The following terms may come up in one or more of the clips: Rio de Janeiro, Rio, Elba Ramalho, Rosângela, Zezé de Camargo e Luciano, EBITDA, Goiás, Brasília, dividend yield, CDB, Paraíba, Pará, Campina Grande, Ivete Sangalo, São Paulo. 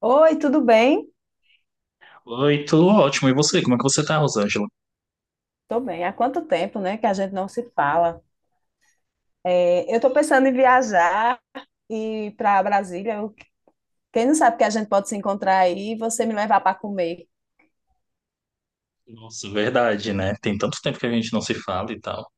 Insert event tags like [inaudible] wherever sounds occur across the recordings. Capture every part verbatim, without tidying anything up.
Oi, tudo bem? Oi, tudo ótimo. E você? Como é que você tá, Rosângela? Tô bem. Há quanto tempo, né, que a gente não se fala? É, eu tô pensando em viajar e para Brasília. Eu- quem não sabe que a gente pode se encontrar aí e você me levar para comer. Nossa, verdade, né? Tem tanto tempo que a gente não se fala e tal.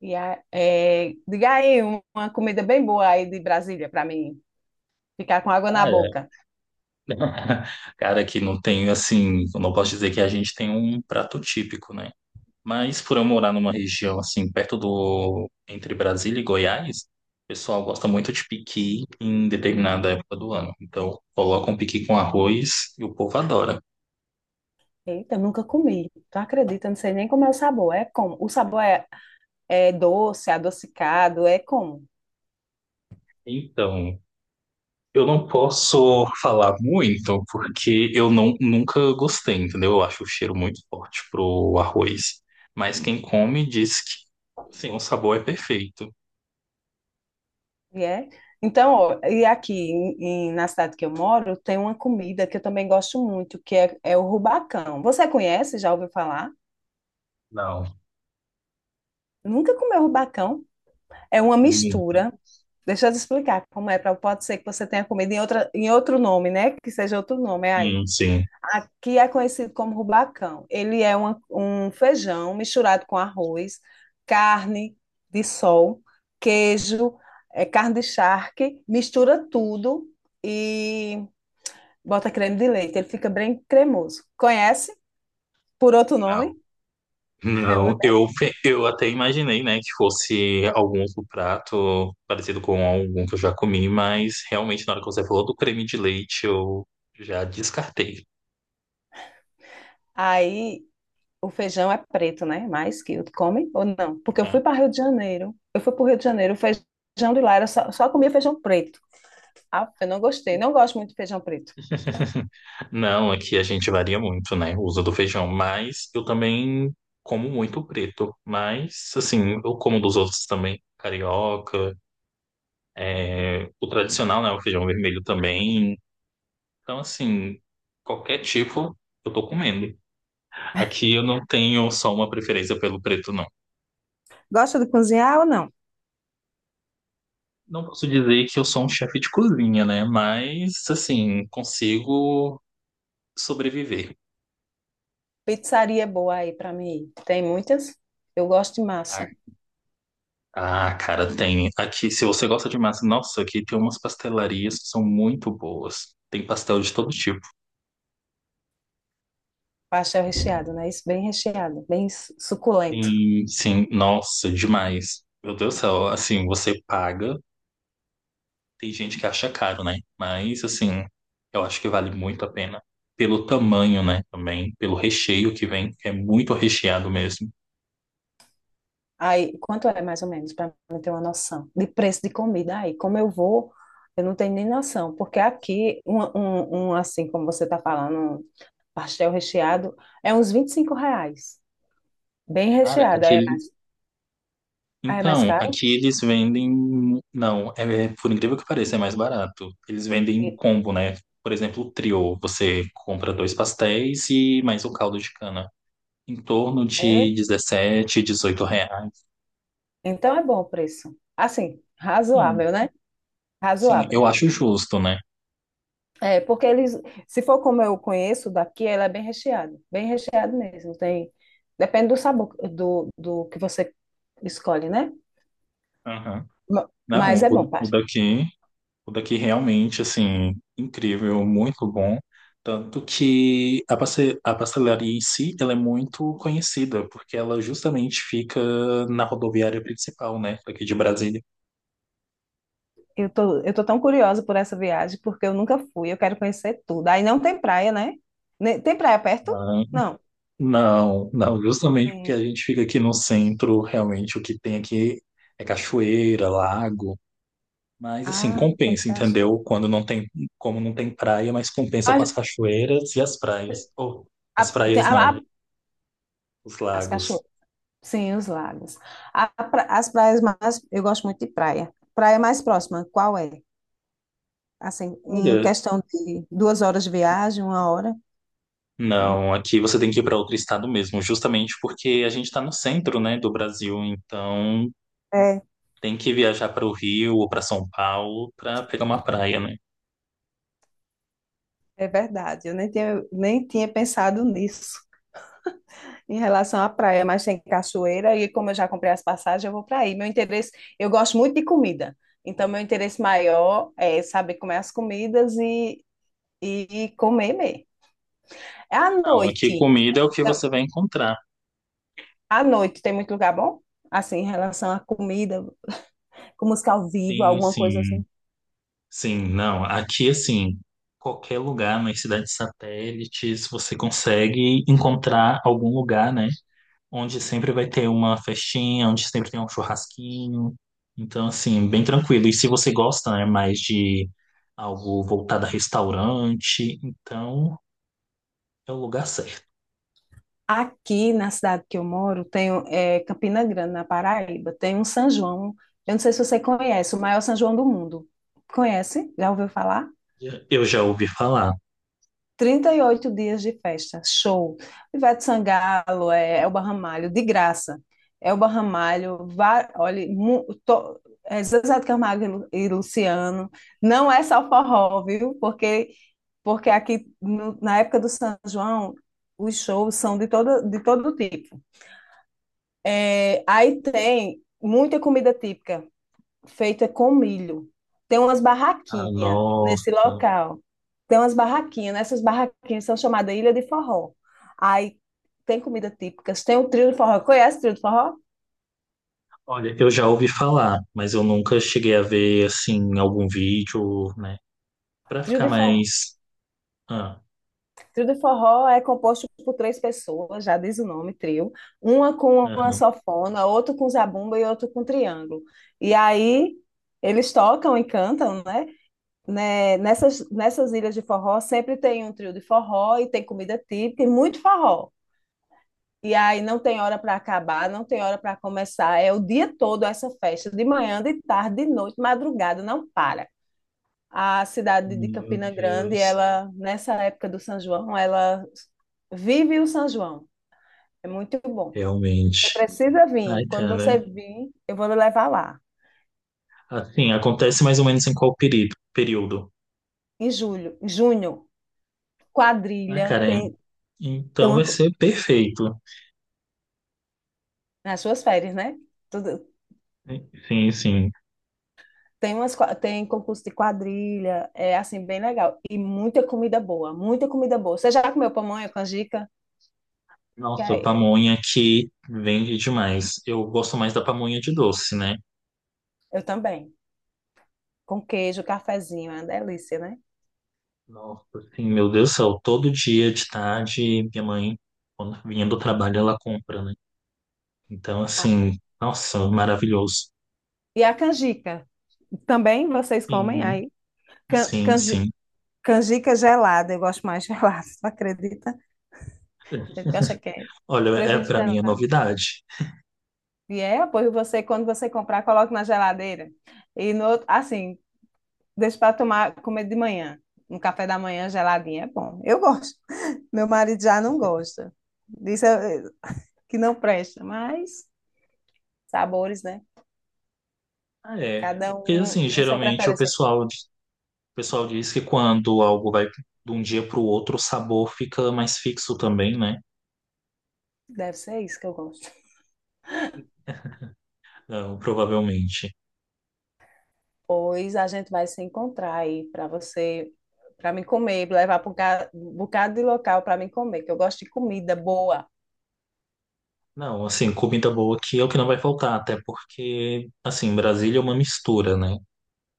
E a- é, diga aí um- uma comida bem boa aí de Brasília para mim ficar com água na Cara, boca. [laughs] cara, que não tem, assim, eu não posso dizer que a gente tem um prato típico, né? Mas por eu morar numa região, assim, perto do, entre Brasília e Goiás, o pessoal gosta muito de piqui em determinada época do ano. Então, colocam piqui com arroz e o povo adora. Eita, eu nunca comi. Tu acredita? Eu não sei nem como é o sabor. É como? O sabor é, é doce, adocicado, é como? Então, eu não posso falar muito porque eu não, nunca gostei, entendeu? Eu acho o cheiro muito forte pro arroz. Mas quem come diz que sim, o sabor é perfeito. E é. Então, ó, e aqui em- em- na cidade que eu moro, tem uma comida que eu também gosto muito, que é, é o rubacão. Você conhece? Já ouviu falar? Não, Nunca comeu rubacão? É uma hum, mistura. Deixa eu te explicar como é, pra, pode ser que você tenha comido em outra, em outro nome, né? Que seja outro nome, é aí. hum, sim, Aqui é conhecido como rubacão. Ele é uma- um feijão misturado com arroz, carne de sol, queijo, é, carne de charque, mistura tudo e bota creme de leite, ele fica bem cremoso. Conhece? Por outro nome? não, [laughs] É uma- não. Eu, pe- eu até imaginei, né, que fosse algum outro prato parecido com algum que eu já comi, mas realmente na hora que você falou do creme de leite, eu já descartei. Aí o feijão é preto, né? Mas que eu come ou não? Porque eu fui para Rio de Janeiro. Eu fui para o Rio de Janeiro, o feijão de lá era só, só comia feijão preto. Ah, eu não gostei, Uhum. não gosto muito de feijão preto. Não, aqui a gente varia muito, né? O uso do feijão, mas eu também como muito preto. Mas, assim, eu como dos outros também. Carioca, é, o tradicional, né? O feijão vermelho também. Então, assim, qualquer tipo eu tô comendo. Aqui eu não tenho só uma preferência pelo preto, não. Gosta de cozinhar ou não? Não posso dizer que eu sou um chefe de cozinha, né? Mas, assim, consigo sobreviver. Pizzaria é boa aí para mim ir. Tem muitas. Eu gosto de massa. Ah, cara, tem. Aqui, se você gosta de massa, nossa, aqui tem umas pastelarias que são muito boas. Tem pastel de todo tipo. Pastel recheado, né? Isso bem recheado, bem su- suculento. Sim, sim, nossa, demais. Meu Deus do céu, assim, você paga. Tem gente que acha caro, né? Mas, assim, eu acho que vale muito a pena. Pelo tamanho, né? Também, pelo recheio que vem, que é muito recheado mesmo. Aí, quanto é mais ou menos, para eu ter uma noção de preço de comida aí? Como eu vou, eu não tenho nem noção, porque aqui, um, um, um, assim como você está falando, um pastel recheado, é uns vinte e cinco reais, bem Cara, recheado, aí é aquele. mais, aí é mais Então, caro? aqui eles vendem. Não, é, por incrível que pareça, é mais barato. Eles vendem em E- combo, né? Por exemplo, o trio. Você compra dois pastéis e mais o caldo de cana. Em torno de É, dezessete, dezoito reais. então é bom o preço. Assim, Sim, razoável, né? sim, eu Razoável. acho justo, né? É, porque eles, se for como eu conheço daqui, ela é bem recheado, bem recheado mesmo, tem, depende do sabor, do, do que você escolhe, né? Aham. Ma- Não, Mas é o, bom, o Paty. daqui. O daqui realmente, assim, incrível, muito bom. Tanto que a passe- a pastelaria em si, ela é muito conhecida, porque ela justamente fica na rodoviária principal, né, aqui de Brasília. Eu tô, eu tô tão curiosa por essa viagem, porque eu nunca fui, eu quero conhecer tudo. Aí não tem praia, né? Ne- Tem praia perto? Ah, Não. não, não, justamente porque a Tem. gente fica aqui no centro, realmente o que tem aqui é cachoeira, lago, mas assim, Ah, tem compensa, cachoeira. entendeu? Quando não tem, como não tem praia, mas compensa com A- as cachoeiras e as praias. Ou, as a- tem praias a- não, a- os as lagos. cachoeiras. Sim, os lagos. A pra- as praias mais. Eu gosto muito de praia. Praia mais próxima, qual é? Assim, em Olha, questão de duas horas de viagem, uma hora? Não. não, aqui você tem que ir para outro estado mesmo, justamente porque a gente está no centro, né, do Brasil, então É, tem que viajar para o Rio ou para São Paulo para pegar uma praia, né? é verdade. Eu nem tinha, nem tinha pensado nisso em relação à praia, mas tem cachoeira e como eu já comprei as passagens, eu vou para aí. Meu interesse, eu gosto muito de comida, então meu interesse maior é saber comer as comidas e, e comer mesmo. É à Não, aqui noite. comida é o que Então, você vai encontrar. à noite tem muito lugar bom? Assim, em relação à comida, com música ao vivo, Sim, alguma coisa sim, assim. sim, não, aqui assim, qualquer lugar nas cidades satélites você consegue encontrar algum lugar, né, onde sempre vai ter uma festinha, onde sempre tem um churrasquinho. Então, assim, bem tranquilo. E se você gosta, né, mais de algo voltado a restaurante, então é o lugar certo. Aqui na cidade que eu moro, tem é, Campina Grande, na Paraíba, tem um São João. Eu não sei se você conhece, o maior São João do mundo. Conhece? Já ouviu falar? Eu já ouvi falar. Trinta e oito dias de festa, show. Ivete Sangalo, é, Elba Ramalho, de graça. Elba Ramalho, va- olha, mu- to- é, Zezé de Camargo e Lu- e Luciano. Não é só forró, viu? Porque, porque aqui, no- na época do São João, os shows são de todo, de todo tipo. É, aí tem muita comida típica, feita com milho. Tem umas Ah, barraquinhas nossa. nesse local. Tem umas barraquinhas, né? Essas barraquinhas são chamadas Ilha de Forró. Aí tem comida típica, tem o trio de forró. Conhece o trio de forró? Olha, eu já ouvi falar, mas eu nunca cheguei a ver, assim, algum vídeo, né? Pra Trio ficar de forró. mais. Ah, Trio de forró é composto por três pessoas, já diz o nome, trio. Uma com uma aham. sanfona, outra com zabumba e outra com triângulo. E aí eles tocam e cantam, né? Né, nessas, nessas ilhas de forró sempre tem um trio de forró e tem comida típica e muito forró. E aí não tem hora para acabar, não tem hora para começar. É o dia todo essa festa, de manhã, de tarde, de noite, madrugada, não para. A cidade de Meu Campina Grande, Deus. ela nessa época do São João, ela vive o São João. É muito bom. Você Realmente. precisa Ai, vir. Quando cara. você vir, eu vou lhe levar lá. Assim, acontece mais ou menos em qual período? Período? Em julho, em junho, Ah, quadrilha, cara, tem, tem então uma, vai co- ser perfeito. nas suas férias, né? Sim, sim. Tem umas, qua- tem concurso de quadrilha, é assim, bem legal. E muita comida boa, muita comida boa. Você já comeu pamonha, canjica? Que Nossa, aí- pamonha que vende demais. Eu gosto mais da pamonha de doce, né? Eu também. Com queijo, cafezinho, é uma delícia, né? Nossa, assim, meu Deus do céu, todo dia de tarde, minha mãe, quando vinha do trabalho, ela compra, né? Então, Ah, assim, nossa, maravilhoso. e a canjica, também vocês comem Sim, aí? Can- sim, canji- sim. Canjica gelada, eu gosto mais gelada, [laughs] tu acredita? Eu acho que é. Olha, é, Prefiro para mim é gelada. novidade. E é, apoio você, quando você comprar, coloque na geladeira. E no outro, assim, deixa para tomar, comer de manhã. Um café da manhã geladinho é bom. Eu gosto. Meu marido já não gosta. Diz eh, que não presta, mas sabores, né? Ah, é. Cada Porque um assim, tem sua geralmente o preferência. pessoal, o pessoal diz que quando algo vai de um dia para o outro, o sabor fica mais fixo também, né? Deve ser isso que eu gosto. Não, provavelmente. Pois a gente vai se encontrar aí para você, para mim comer, levar para um ca- um bocado de local para mim comer, que eu gosto de comida boa. Não, assim, comida boa aqui é o que não vai faltar, até porque, assim, Brasília é uma mistura, né?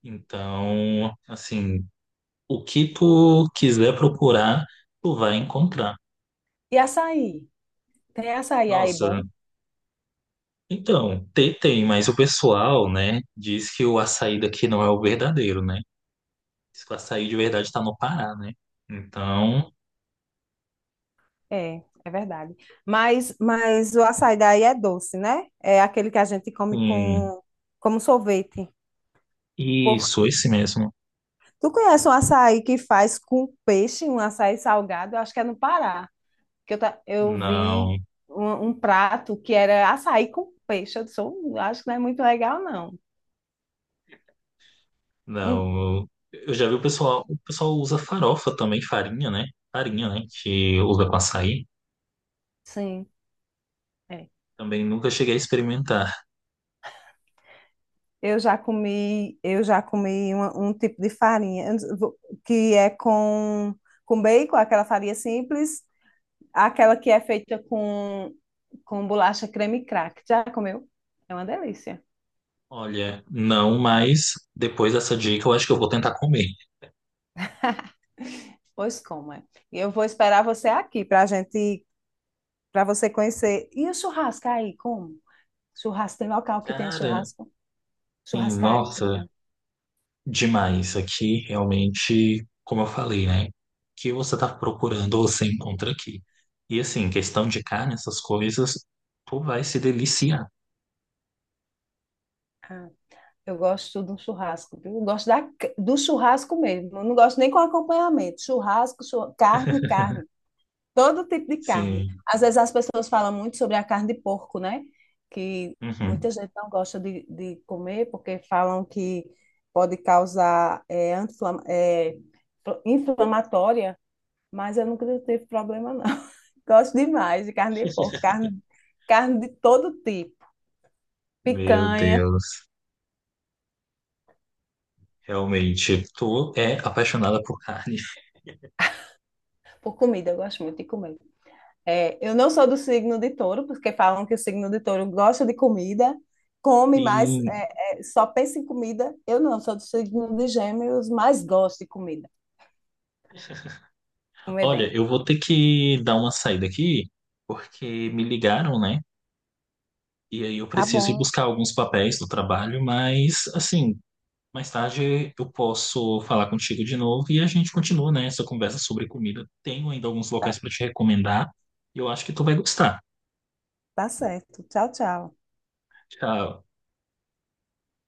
Então, assim, o que tu quiser procurar, tu vai encontrar. E açaí? Tem açaí aí Nossa, bom? então, tem, tem, mas o pessoal, né, diz que o açaí daqui não é o verdadeiro, né? Diz que o açaí de verdade tá no Pará, né? Então, É, é verdade. Mas, mas o açaí daí é doce, né? É aquele que a gente come hum, com, como sorvete. isso, esse mesmo. Tu conhece um açaí que faz com peixe, um açaí salgado? Eu acho que é no Pará. Que eu, ta- eu vi Não. um, um prato que era açaí com peixe. Eu disse, "Hum, acho que não é muito legal, não. Hum, Não, eu eu já vi o pessoal, o pessoal usa farofa também, farinha, né? Farinha, né? Que usa com açaí. sim, é. Também nunca cheguei a experimentar. Eu já comi, eu já comi uma- um tipo de farinha eu não- vou- que é com, com bacon, aquela farinha simples, aquela que é feita com, com bolacha creme crack. Já comeu? É uma delícia. Olha, não, mas depois dessa dica eu acho que eu vou tentar comer. Pois como é. E eu vou esperar você aqui para a gente para você conhecer. E o churrasco aí, como? Churrasco, tem local que tem Cara, churrasco? sim, nossa, Churrascaria. demais. Aqui realmente, como eu falei, né? O que você tá procurando, você encontra aqui. E assim, questão de carne, essas coisas, tu vai se deliciar. Ah, eu gosto de um churrasco, viu? Eu gosto da, do churrasco mesmo. Eu não gosto nem com acompanhamento. Churrasco, chur- carne, carne. Todo tipo de carne. Sim. Às vezes as pessoas falam muito sobre a carne de porco, né? Que Uhum. muita gente não gosta de, de comer porque falam que pode causar é, anti-inflamatória. Mas eu nunca tive problema, não. [laughs] Gosto demais de carne de porco, carne, carne de todo tipo. Meu Picanha, Deus. Realmente, tu é apaixonada por carne. por comida, eu gosto muito de comer. É, eu não sou do signo de touro, porque falam que o signo de touro gosta de comida, come mais, Sim. é, é, só pensa em comida. Eu não, sou do signo de gêmeos, mas gosto de comida, comer Olha, bem. eu vou ter que dar uma saída aqui, porque me ligaram, né? E aí eu Tá preciso ir bom, buscar alguns papéis do trabalho, mas assim, mais tarde eu posso falar contigo de novo e a gente continua, né, essa conversa sobre comida. Tenho ainda alguns tá, locais para te recomendar e eu acho que tu vai gostar. tá certo. Tchau, tchau. Tchau.